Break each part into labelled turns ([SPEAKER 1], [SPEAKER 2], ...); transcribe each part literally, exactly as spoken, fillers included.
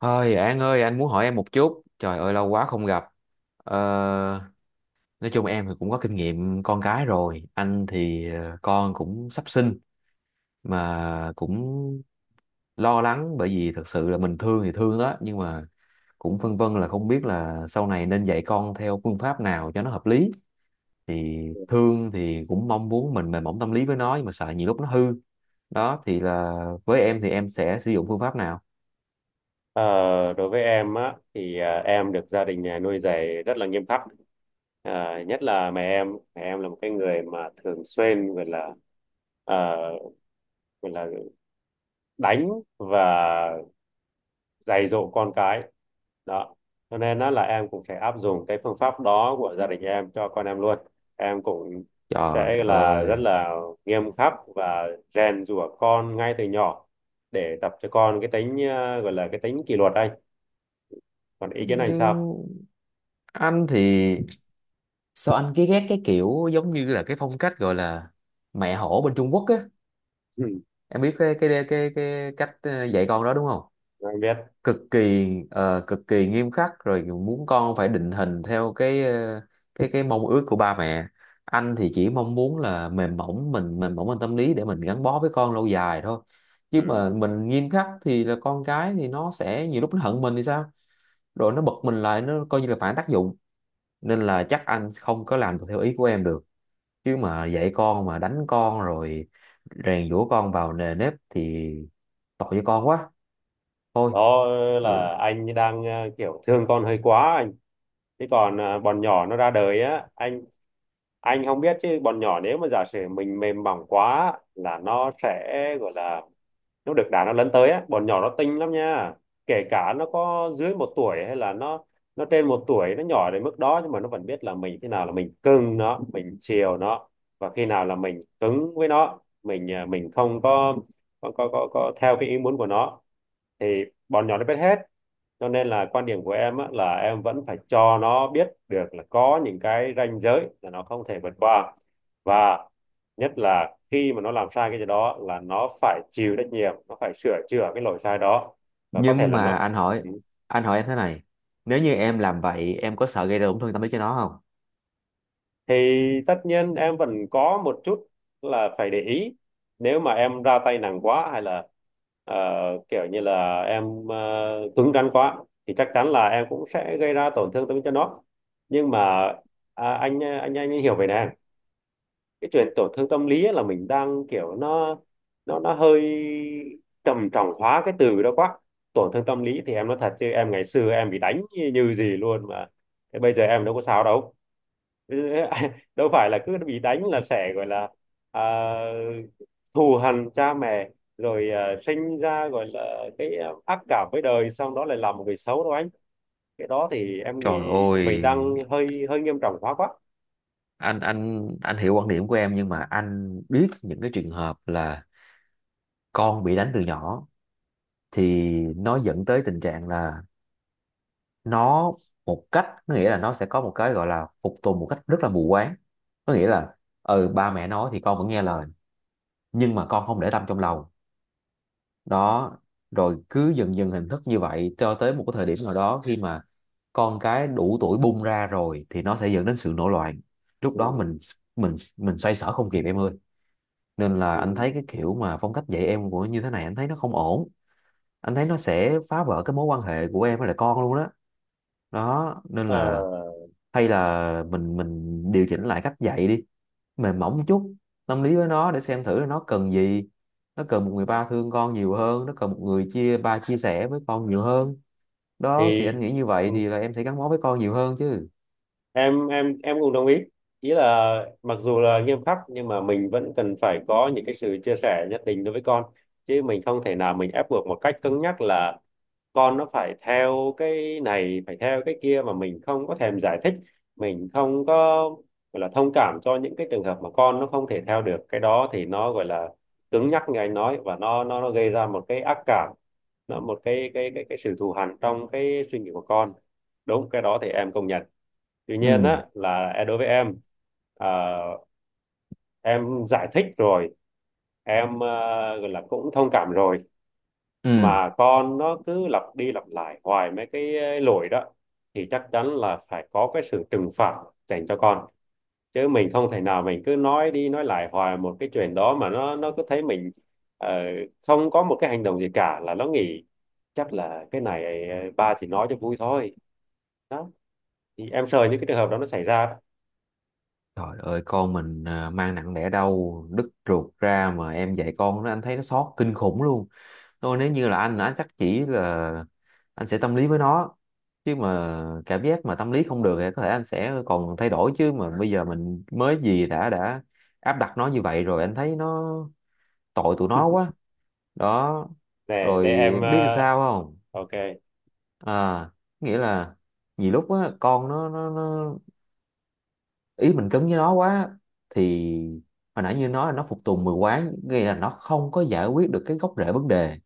[SPEAKER 1] Thôi An ơi, anh muốn hỏi em một chút. Trời ơi, lâu quá không gặp. Ờ, nói chung em thì cũng có kinh nghiệm con cái rồi. Anh thì ờ, con cũng sắp sinh mà cũng lo lắng, bởi vì thật sự là mình thương thì thương đó, nhưng mà cũng phân vân là không biết là sau này nên dạy con theo phương pháp nào cho nó hợp lý. Thì thương thì cũng mong muốn mình mềm mỏng tâm lý với nó, nhưng mà sợ nhiều lúc nó hư. Đó thì là với em thì em sẽ sử dụng phương pháp nào?
[SPEAKER 2] Ờ, Đối với em á thì à, em được gia đình nhà nuôi dạy rất là nghiêm khắc. À, nhất là mẹ em mẹ em là một cái người mà thường xuyên gọi là à, gọi là đánh và dạy dỗ con cái đó, cho nên đó là em cũng sẽ áp dụng cái phương pháp đó của gia đình em cho con em luôn. Em cũng
[SPEAKER 1] Trời
[SPEAKER 2] sẽ là rất
[SPEAKER 1] ơi.
[SPEAKER 2] là nghiêm khắc và rèn giũa con ngay từ nhỏ, để tập cho con cái tính à, gọi là cái tính kỷ luật anh. Còn ý kiến anh sao?
[SPEAKER 1] Nhưng anh thì sao anh cứ ghét cái kiểu giống như là cái phong cách gọi là mẹ hổ bên Trung Quốc á.
[SPEAKER 2] Ừ,
[SPEAKER 1] Em biết cái cái cái cái cách ờ, dạy con đó đúng không?
[SPEAKER 2] anh biết.
[SPEAKER 1] Cực kỳ ờ, cực kỳ nghiêm khắc, rồi muốn con phải định hình theo cái ờ, cái cái mong ước của ba mẹ. Anh thì chỉ mong muốn là mềm mỏng, mình mềm mỏng, mình tâm lý để mình gắn bó với con lâu dài thôi, chứ mà
[SPEAKER 2] Ừ.
[SPEAKER 1] mình nghiêm khắc thì là con cái thì nó sẽ nhiều lúc nó hận mình thì sao, rồi nó bật mình lại, nó coi như là phản tác dụng. Nên là chắc anh không có làm được theo ý của em được. Chứ mà dạy con mà đánh con rồi rèn giũa con vào nề nếp thì tội cho con quá. Thôi,
[SPEAKER 2] Đó
[SPEAKER 1] ừ.
[SPEAKER 2] là anh đang ờ, kiểu thương con hơi quá anh. Thế còn ờ, bọn nhỏ nó ra đời á anh anh không biết chứ bọn nhỏ nếu mà giả sử mình mềm mỏng quá là nó sẽ gọi là nó được đá nó lớn tới á, bọn nhỏ nó tinh lắm nha. Kể cả nó có dưới một tuổi hay là nó nó trên một tuổi, nó nhỏ đến mức đó nhưng mà nó vẫn biết là mình, khi nào là mình cưng nó, mình chiều nó, và khi nào là mình cứng với nó, mình à, mình không có có có có, có theo cái ý muốn của nó, thì bọn nhỏ nó biết hết. Cho nên là quan điểm của em á, là em vẫn phải cho nó biết được là có những cái ranh giới là nó không thể vượt qua. Và nhất là khi mà nó làm sai cái gì đó là nó phải chịu trách nhiệm, nó phải sửa chữa cái lỗi sai đó, và có thể
[SPEAKER 1] Nhưng
[SPEAKER 2] là
[SPEAKER 1] mà
[SPEAKER 2] nó...
[SPEAKER 1] anh hỏi,
[SPEAKER 2] Ừ.
[SPEAKER 1] anh hỏi em thế này, nếu như em làm vậy em có sợ gây ra tổn thương tâm lý cho nó không?
[SPEAKER 2] Thì tất nhiên em vẫn có một chút là phải để ý, nếu mà em ra tay nặng quá hay là ờ, kiểu như là em uh, cứng rắn quá, thì chắc chắn là em cũng sẽ gây ra tổn thương tâm cho nó. Nhưng mà à, anh anh anh hiểu về nè, cái chuyện tổn thương tâm lý á là mình đang kiểu nó, nó nó hơi trầm trọng hóa cái từ đó quá. Tổn thương tâm lý thì em nói thật chứ em ngày xưa em bị đánh như, như gì luôn mà, thế bây giờ em đâu có sao đâu. Đâu phải là cứ bị đánh là sẽ gọi là à, thù hằn cha mẹ rồi à, sinh ra gọi là cái à, ác cảm với đời, xong đó lại làm một người xấu đâu anh. Cái đó thì em nghĩ
[SPEAKER 1] Trời
[SPEAKER 2] mình
[SPEAKER 1] ơi,
[SPEAKER 2] đang hơi hơi nghiêm trọng hóa quá.
[SPEAKER 1] anh anh anh hiểu quan điểm của em, nhưng mà anh biết những cái trường hợp là con bị đánh từ nhỏ thì nó dẫn tới tình trạng là nó một cách, có nghĩa là nó sẽ có một cái gọi là phục tùng một cách rất là mù quáng. Có nghĩa là ừ, ba mẹ nói thì con vẫn nghe lời, nhưng mà con không để tâm trong lòng. Đó, rồi cứ dần dần hình thức như vậy cho tới một cái thời điểm nào đó, khi mà con cái đủ tuổi bung ra rồi thì nó sẽ dẫn đến sự nổi loạn. Lúc đó
[SPEAKER 2] Ừ.
[SPEAKER 1] mình mình mình xoay sở không kịp em ơi. Nên là anh
[SPEAKER 2] Ừ.
[SPEAKER 1] thấy cái kiểu mà phong cách dạy em của như thế này anh thấy nó không ổn. Anh thấy nó sẽ phá vỡ cái mối quan hệ của em với lại con luôn đó. Đó nên
[SPEAKER 2] Ờ,
[SPEAKER 1] là hay là mình mình điều chỉnh lại cách dạy đi, mềm mỏng chút, tâm lý với nó để xem thử là nó cần gì. Nó cần một người ba thương con nhiều hơn, nó cần một người chia ba chia sẻ với con nhiều hơn. Đó thì
[SPEAKER 2] thì
[SPEAKER 1] anh nghĩ như vậy
[SPEAKER 2] ừ,
[SPEAKER 1] thì là em sẽ gắn bó với con nhiều hơn chứ.
[SPEAKER 2] em em em cũng đồng ý. Ý là mặc dù là nghiêm khắc nhưng mà mình vẫn cần phải có những cái sự chia sẻ nhất định đối với con, chứ mình không thể nào mình ép buộc một cách cứng nhắc là con nó phải theo cái này, phải theo cái kia mà mình không có thèm giải thích, mình không có gọi là thông cảm cho những cái trường hợp mà con nó không thể theo được. Cái đó thì nó gọi là cứng nhắc như anh nói, và nó nó nó gây ra một cái ác cảm, nó một cái cái cái cái sự thù hằn trong cái suy nghĩ của con. Đúng, cái đó thì em công nhận. Tuy nhiên
[SPEAKER 1] Ừ,
[SPEAKER 2] á là đối với em, à, em giải thích rồi, em ờ, gọi là cũng thông cảm rồi
[SPEAKER 1] ừ.
[SPEAKER 2] mà con nó cứ lặp đi lặp lại hoài mấy cái ờ, lỗi đó, thì chắc chắn là phải có cái sự trừng phạt dành cho con. Chứ mình không thể nào mình cứ nói đi nói lại hoài một cái chuyện đó mà nó nó cứ thấy mình ờ, không có một cái hành động gì cả, là nó nghĩ chắc là cái này ờ, ba chỉ nói cho vui thôi. Đó thì em sợ những cái trường hợp đó nó xảy ra đó.
[SPEAKER 1] Trời ơi, con mình à, mang nặng đẻ đau đứt ruột ra mà em dạy con nó anh thấy nó xót kinh khủng luôn. Thôi, nếu như là anh anh chắc chỉ là anh sẽ tâm lý với nó, chứ mà cảm giác mà tâm lý không được thì có thể anh sẽ còn thay đổi, chứ mà bây giờ mình mới gì đã đã áp đặt nó như vậy rồi anh thấy nó tội tụi nó quá. Đó,
[SPEAKER 2] để
[SPEAKER 1] rồi
[SPEAKER 2] để em ờ,
[SPEAKER 1] biết sao không?
[SPEAKER 2] ok.
[SPEAKER 1] À, nghĩa là nhiều lúc á, con nó nó nó ý mình cứng với nó quá thì hồi nãy như nó là nó phục tùng mù quáng, nghĩa là nó không có giải quyết được cái gốc rễ vấn đề.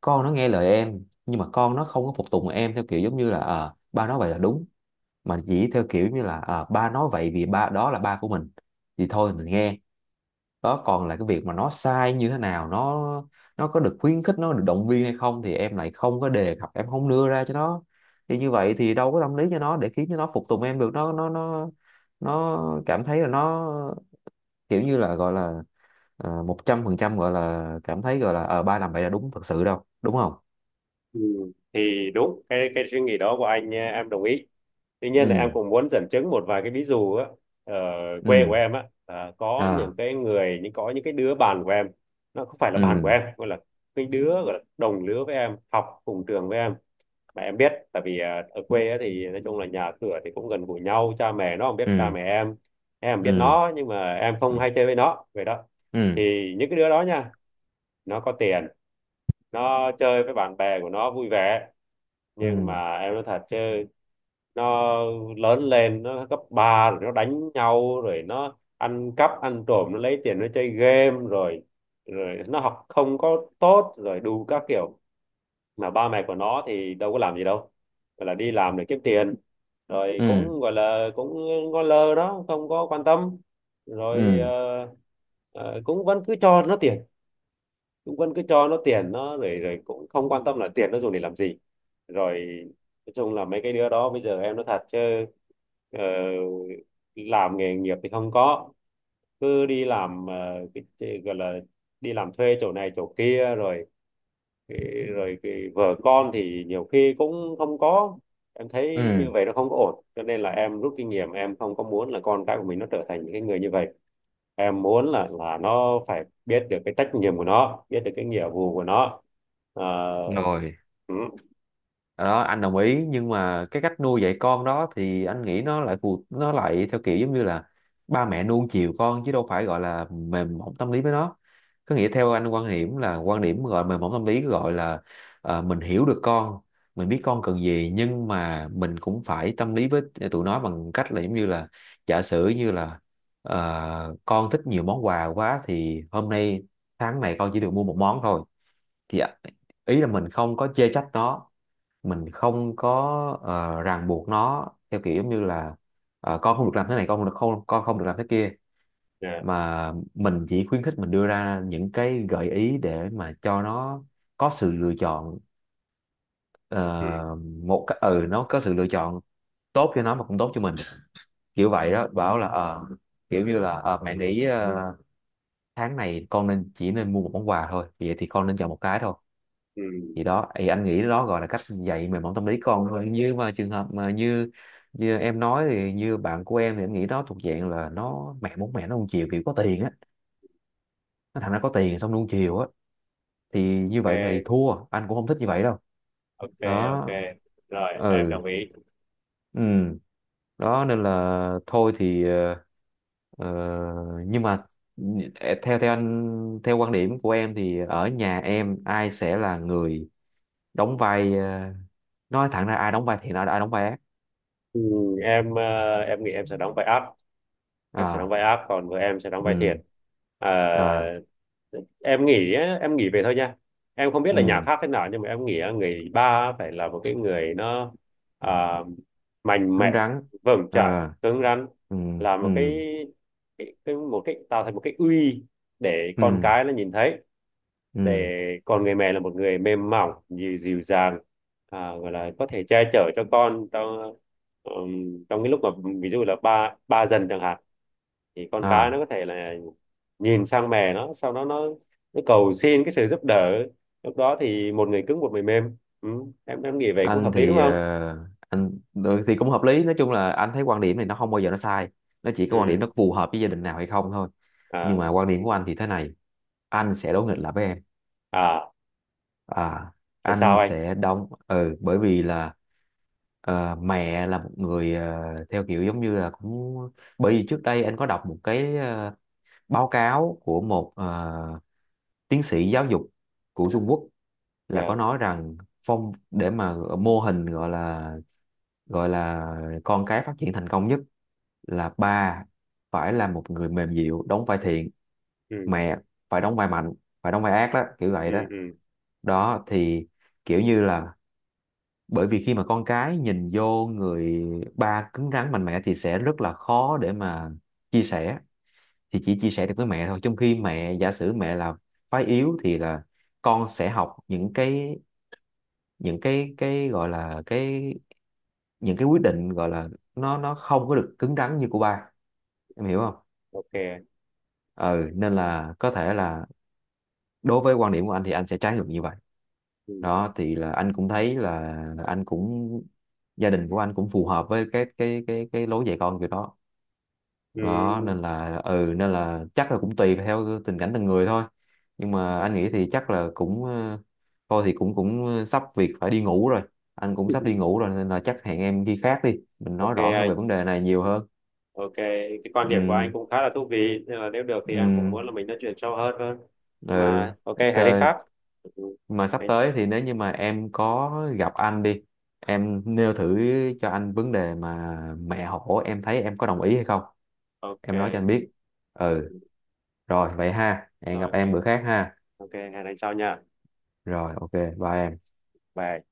[SPEAKER 1] Con nó nghe lời em, nhưng mà con nó không có phục tùng em theo kiểu giống như là ờ, ba nói vậy là đúng, mà chỉ theo kiểu như là ờ, ba nói vậy vì ba đó là ba của mình thì thôi mình nghe. Đó, còn là cái việc mà nó sai như thế nào, nó nó có được khuyến khích, nó được động viên hay không thì em lại không có đề cập, em không đưa ra cho nó. Thì như vậy thì đâu có tâm lý cho nó để khiến cho nó phục tùng em được. Nó nó nó nó cảm thấy là nó kiểu như là gọi là ờ, một trăm phần trăm gọi là cảm thấy gọi là ờ, ba làm vậy là đúng thật sự đâu, đúng không?
[SPEAKER 2] Ừ. Thì đúng, cái cái suy nghĩ đó của anh, eh, em đồng ý. Tuy nhiên là em
[SPEAKER 1] Ừ,
[SPEAKER 2] cũng muốn dẫn chứng một vài cái ví dụ á. Ở quê của
[SPEAKER 1] ừ,
[SPEAKER 2] em á, à, có những
[SPEAKER 1] à,
[SPEAKER 2] cái người, những có những cái đứa bạn của em, nó không phải là bạn của
[SPEAKER 1] ừ,
[SPEAKER 2] em, gọi là cái đứa gọi là đồng lứa với em, học cùng trường với em, mà em biết tại vì à, ở quê á, thì nói chung là nhà cửa thì cũng gần gũi nhau, cha mẹ nó không biết cha
[SPEAKER 1] ừ,
[SPEAKER 2] mẹ em em biết
[SPEAKER 1] ừ,
[SPEAKER 2] nó nhưng mà em không
[SPEAKER 1] ừ,
[SPEAKER 2] hay chơi với nó vậy đó.
[SPEAKER 1] ừ,
[SPEAKER 2] Thì những cái đứa đó nha, nó có tiền, nó chơi với bạn bè của nó vui vẻ, nhưng
[SPEAKER 1] ừ,
[SPEAKER 2] mà em nói thật chứ, nó lớn lên nó cấp ba rồi nó đánh nhau, rồi nó ăn cắp ăn trộm, nó lấy tiền nó chơi game rồi, rồi nó học không có tốt, rồi đủ các kiểu. Mà ba mẹ của nó thì đâu có làm gì đâu, gọi là đi làm để kiếm tiền, rồi
[SPEAKER 1] ừ,
[SPEAKER 2] cũng gọi là cũng ngó lơ đó, không có quan tâm. Rồi
[SPEAKER 1] ừ,
[SPEAKER 2] ờ, ờ, cũng vẫn cứ cho nó tiền, cũng vẫn cứ cho nó tiền nó, rồi rồi cũng không quan tâm là tiền nó dùng để làm gì. Rồi nói chung là mấy cái đứa đó bây giờ em nói thật chứ, ờ, làm nghề nghiệp thì không có, cứ đi làm ờ, cái, cái gọi là đi làm thuê chỗ này chỗ kia, rồi cái- rồi cái vợ con thì nhiều khi cũng không có. Em thấy như
[SPEAKER 1] ừ,
[SPEAKER 2] vậy nó không có ổn, cho nên là em rút kinh nghiệm, em không có muốn là con cái của mình nó trở thành những cái người như vậy. Em muốn là là nó phải biết được cái trách nhiệm của nó, biết được cái nghĩa vụ của nó. Ờ.
[SPEAKER 1] rồi.
[SPEAKER 2] Ừ.
[SPEAKER 1] Đó anh đồng ý, nhưng mà cái cách nuôi dạy con đó thì anh nghĩ nó lại phù, nó lại theo kiểu giống như là ba mẹ nuông chiều con chứ đâu phải gọi là mềm mỏng tâm lý với nó. Có nghĩa theo anh quan điểm là quan điểm gọi mềm mỏng tâm lý gọi là ờ, mình hiểu được con, mình biết con cần gì, nhưng mà mình cũng phải tâm lý với tụi nó bằng cách là giống như là giả sử như là ờ, con thích nhiều món quà quá thì hôm nay tháng này con chỉ được mua một món thôi. Thì ý là mình không có chê trách nó, mình không có ờ, ràng buộc nó theo kiểu như là ờ, con không được làm thế này, con không được không con không được làm thế kia,
[SPEAKER 2] Dạ.
[SPEAKER 1] mà mình chỉ khuyến khích, mình đưa ra những cái gợi ý để mà cho nó có sự lựa chọn.
[SPEAKER 2] Ừ.
[SPEAKER 1] Ờ, một cái ừ, nó có sự lựa chọn tốt cho nó mà cũng tốt cho mình, kiểu vậy đó. Bảo là ờ, kiểu như là ờ, mẹ nghĩ ờ, tháng này con nên chỉ nên mua một món quà thôi, vậy thì con nên chọn một cái thôi.
[SPEAKER 2] Ừ.
[SPEAKER 1] Thì đó thì anh nghĩ đó gọi là cách dạy mềm mỏng tâm lý con thôi. Như mà trường hợp mà như như em nói thì như bạn của em thì em nghĩ đó thuộc dạng là nó mẹ muốn mẹ nó nuông chiều kiểu có tiền á, nó thằng nó có tiền xong nuông chiều á, thì như vậy thì
[SPEAKER 2] Ok,
[SPEAKER 1] thua, anh cũng không thích như vậy đâu.
[SPEAKER 2] ok, ok,
[SPEAKER 1] Đó,
[SPEAKER 2] rồi em
[SPEAKER 1] ừ,
[SPEAKER 2] đồng ý.
[SPEAKER 1] ừ. Đó nên là thôi thì ờ, ờ, nhưng mà theo theo anh theo quan điểm của em thì ở nhà em ai sẽ là người đóng vai ờ, nói thẳng ra ai đóng vai thiện, ai ai đóng vai ác?
[SPEAKER 2] Ừ, em ờ, em nghĩ em sẽ đóng vai ác, em sẽ đóng
[SPEAKER 1] À,
[SPEAKER 2] vai áp, còn vợ em sẽ đóng vai
[SPEAKER 1] ừ,
[SPEAKER 2] thiệt. Ờ,
[SPEAKER 1] à,
[SPEAKER 2] em nghĩ á, em nghĩ về thôi nha, em không biết là nhà
[SPEAKER 1] ừ,
[SPEAKER 2] khác thế nào nhưng mà em nghĩ á, người ba phải là một cái người nó à, mạnh
[SPEAKER 1] cứng
[SPEAKER 2] mẽ,
[SPEAKER 1] rắn,
[SPEAKER 2] vững chãi,
[SPEAKER 1] ờ,
[SPEAKER 2] cứng rắn,
[SPEAKER 1] ừ,
[SPEAKER 2] là
[SPEAKER 1] ừ,
[SPEAKER 2] một cái, cái, cái một cái tạo thành một cái uy, để con
[SPEAKER 1] ừ,
[SPEAKER 2] cái nó nhìn thấy. Để
[SPEAKER 1] ừ,
[SPEAKER 2] còn người mẹ là một người mềm mỏng, dịu, dịu dàng, à, gọi là có thể che chở cho con trong ừm, trong cái lúc mà, ví dụ là ba ba dần chẳng hạn, thì con cái nó
[SPEAKER 1] à.
[SPEAKER 2] có thể là nhìn sang mẹ, nó sau đó nó, nó cầu xin cái sự giúp đỡ. Lúc đó thì một người cứng, một người mềm. Ừ. em em nghĩ vậy cũng
[SPEAKER 1] Anh
[SPEAKER 2] hợp lý đúng
[SPEAKER 1] thì ờ,
[SPEAKER 2] không?
[SPEAKER 1] anh ừ, thì cũng hợp lý. Nói chung là anh thấy quan điểm này nó không bao giờ nó sai, nó chỉ có quan điểm
[SPEAKER 2] Ừ.
[SPEAKER 1] nó phù hợp với gia đình nào hay không thôi. Nhưng
[SPEAKER 2] À.
[SPEAKER 1] mà quan điểm của anh thì thế này, anh sẽ đối nghịch lại với em.
[SPEAKER 2] À,
[SPEAKER 1] À,
[SPEAKER 2] tại sao
[SPEAKER 1] anh
[SPEAKER 2] anh?
[SPEAKER 1] sẽ đóng ừ, bởi vì là ờ, mẹ là một người ờ, theo kiểu giống như là cũng bởi vì trước đây anh có đọc một cái ờ, báo cáo của một ờ, tiến sĩ giáo dục của Trung Quốc, là có
[SPEAKER 2] Dạ.
[SPEAKER 1] nói rằng phong để mà ờ, mô hình gọi là gọi là con cái phát triển thành công nhất là ba phải là một người mềm dịu đóng vai thiện,
[SPEAKER 2] Ừ.
[SPEAKER 1] mẹ phải đóng vai mạnh, phải đóng vai ác, đó kiểu vậy đó.
[SPEAKER 2] Ừ. Ừ.
[SPEAKER 1] Đó thì kiểu như là bởi vì khi mà con cái nhìn vô người ba cứng rắn mạnh mẽ thì sẽ rất là khó để mà chia sẻ, thì chỉ chia sẻ được với mẹ thôi, trong khi mẹ giả sử mẹ là phái yếu thì là con sẽ học những cái, những cái cái gọi là cái những cái quyết định gọi là nó nó không có được cứng rắn như của ba. Em hiểu không?
[SPEAKER 2] Ok.
[SPEAKER 1] Ừ, nên là có thể là đối với quan điểm của anh thì anh sẽ trái ngược như vậy.
[SPEAKER 2] Ừ.
[SPEAKER 1] Đó thì là anh cũng thấy là anh cũng gia đình của anh cũng phù hợp với cái cái cái cái lối dạy con kiểu đó.
[SPEAKER 2] Ừ.
[SPEAKER 1] Đó nên là ừ, nên là chắc là cũng tùy theo tình cảnh từng người thôi. Nhưng mà anh nghĩ thì chắc là cũng ờ, thôi thì cũng cũng ờ, sắp việc phải đi ngủ rồi, anh cũng sắp đi ngủ rồi, nên là chắc hẹn em khi khác đi, mình
[SPEAKER 2] Ok
[SPEAKER 1] nói rõ hơn về
[SPEAKER 2] anh.
[SPEAKER 1] vấn đề này nhiều hơn.
[SPEAKER 2] Ok, cái quan điểm của anh
[SPEAKER 1] Ừ,
[SPEAKER 2] cũng khá là thú vị, nên là nếu được thì
[SPEAKER 1] ừ,
[SPEAKER 2] em cũng muốn là mình nói chuyện sâu hơn hơn.
[SPEAKER 1] ừ.
[SPEAKER 2] Mà ok, hẹn đi
[SPEAKER 1] Tờ-,
[SPEAKER 2] khác. Ừ.
[SPEAKER 1] mà sắp tới thì nếu như mà em có gặp anh đi, em nêu thử cho anh vấn đề mà mẹ hổ em thấy em có đồng ý hay không,
[SPEAKER 2] Ok,
[SPEAKER 1] em nói cho anh biết. Ừ, rồi vậy ha, hẹn gặp em
[SPEAKER 2] rồi
[SPEAKER 1] bữa khác ha.
[SPEAKER 2] ok, ok, hẹn anh sau nha.
[SPEAKER 1] Rồi, ok, bye em.
[SPEAKER 2] Bye.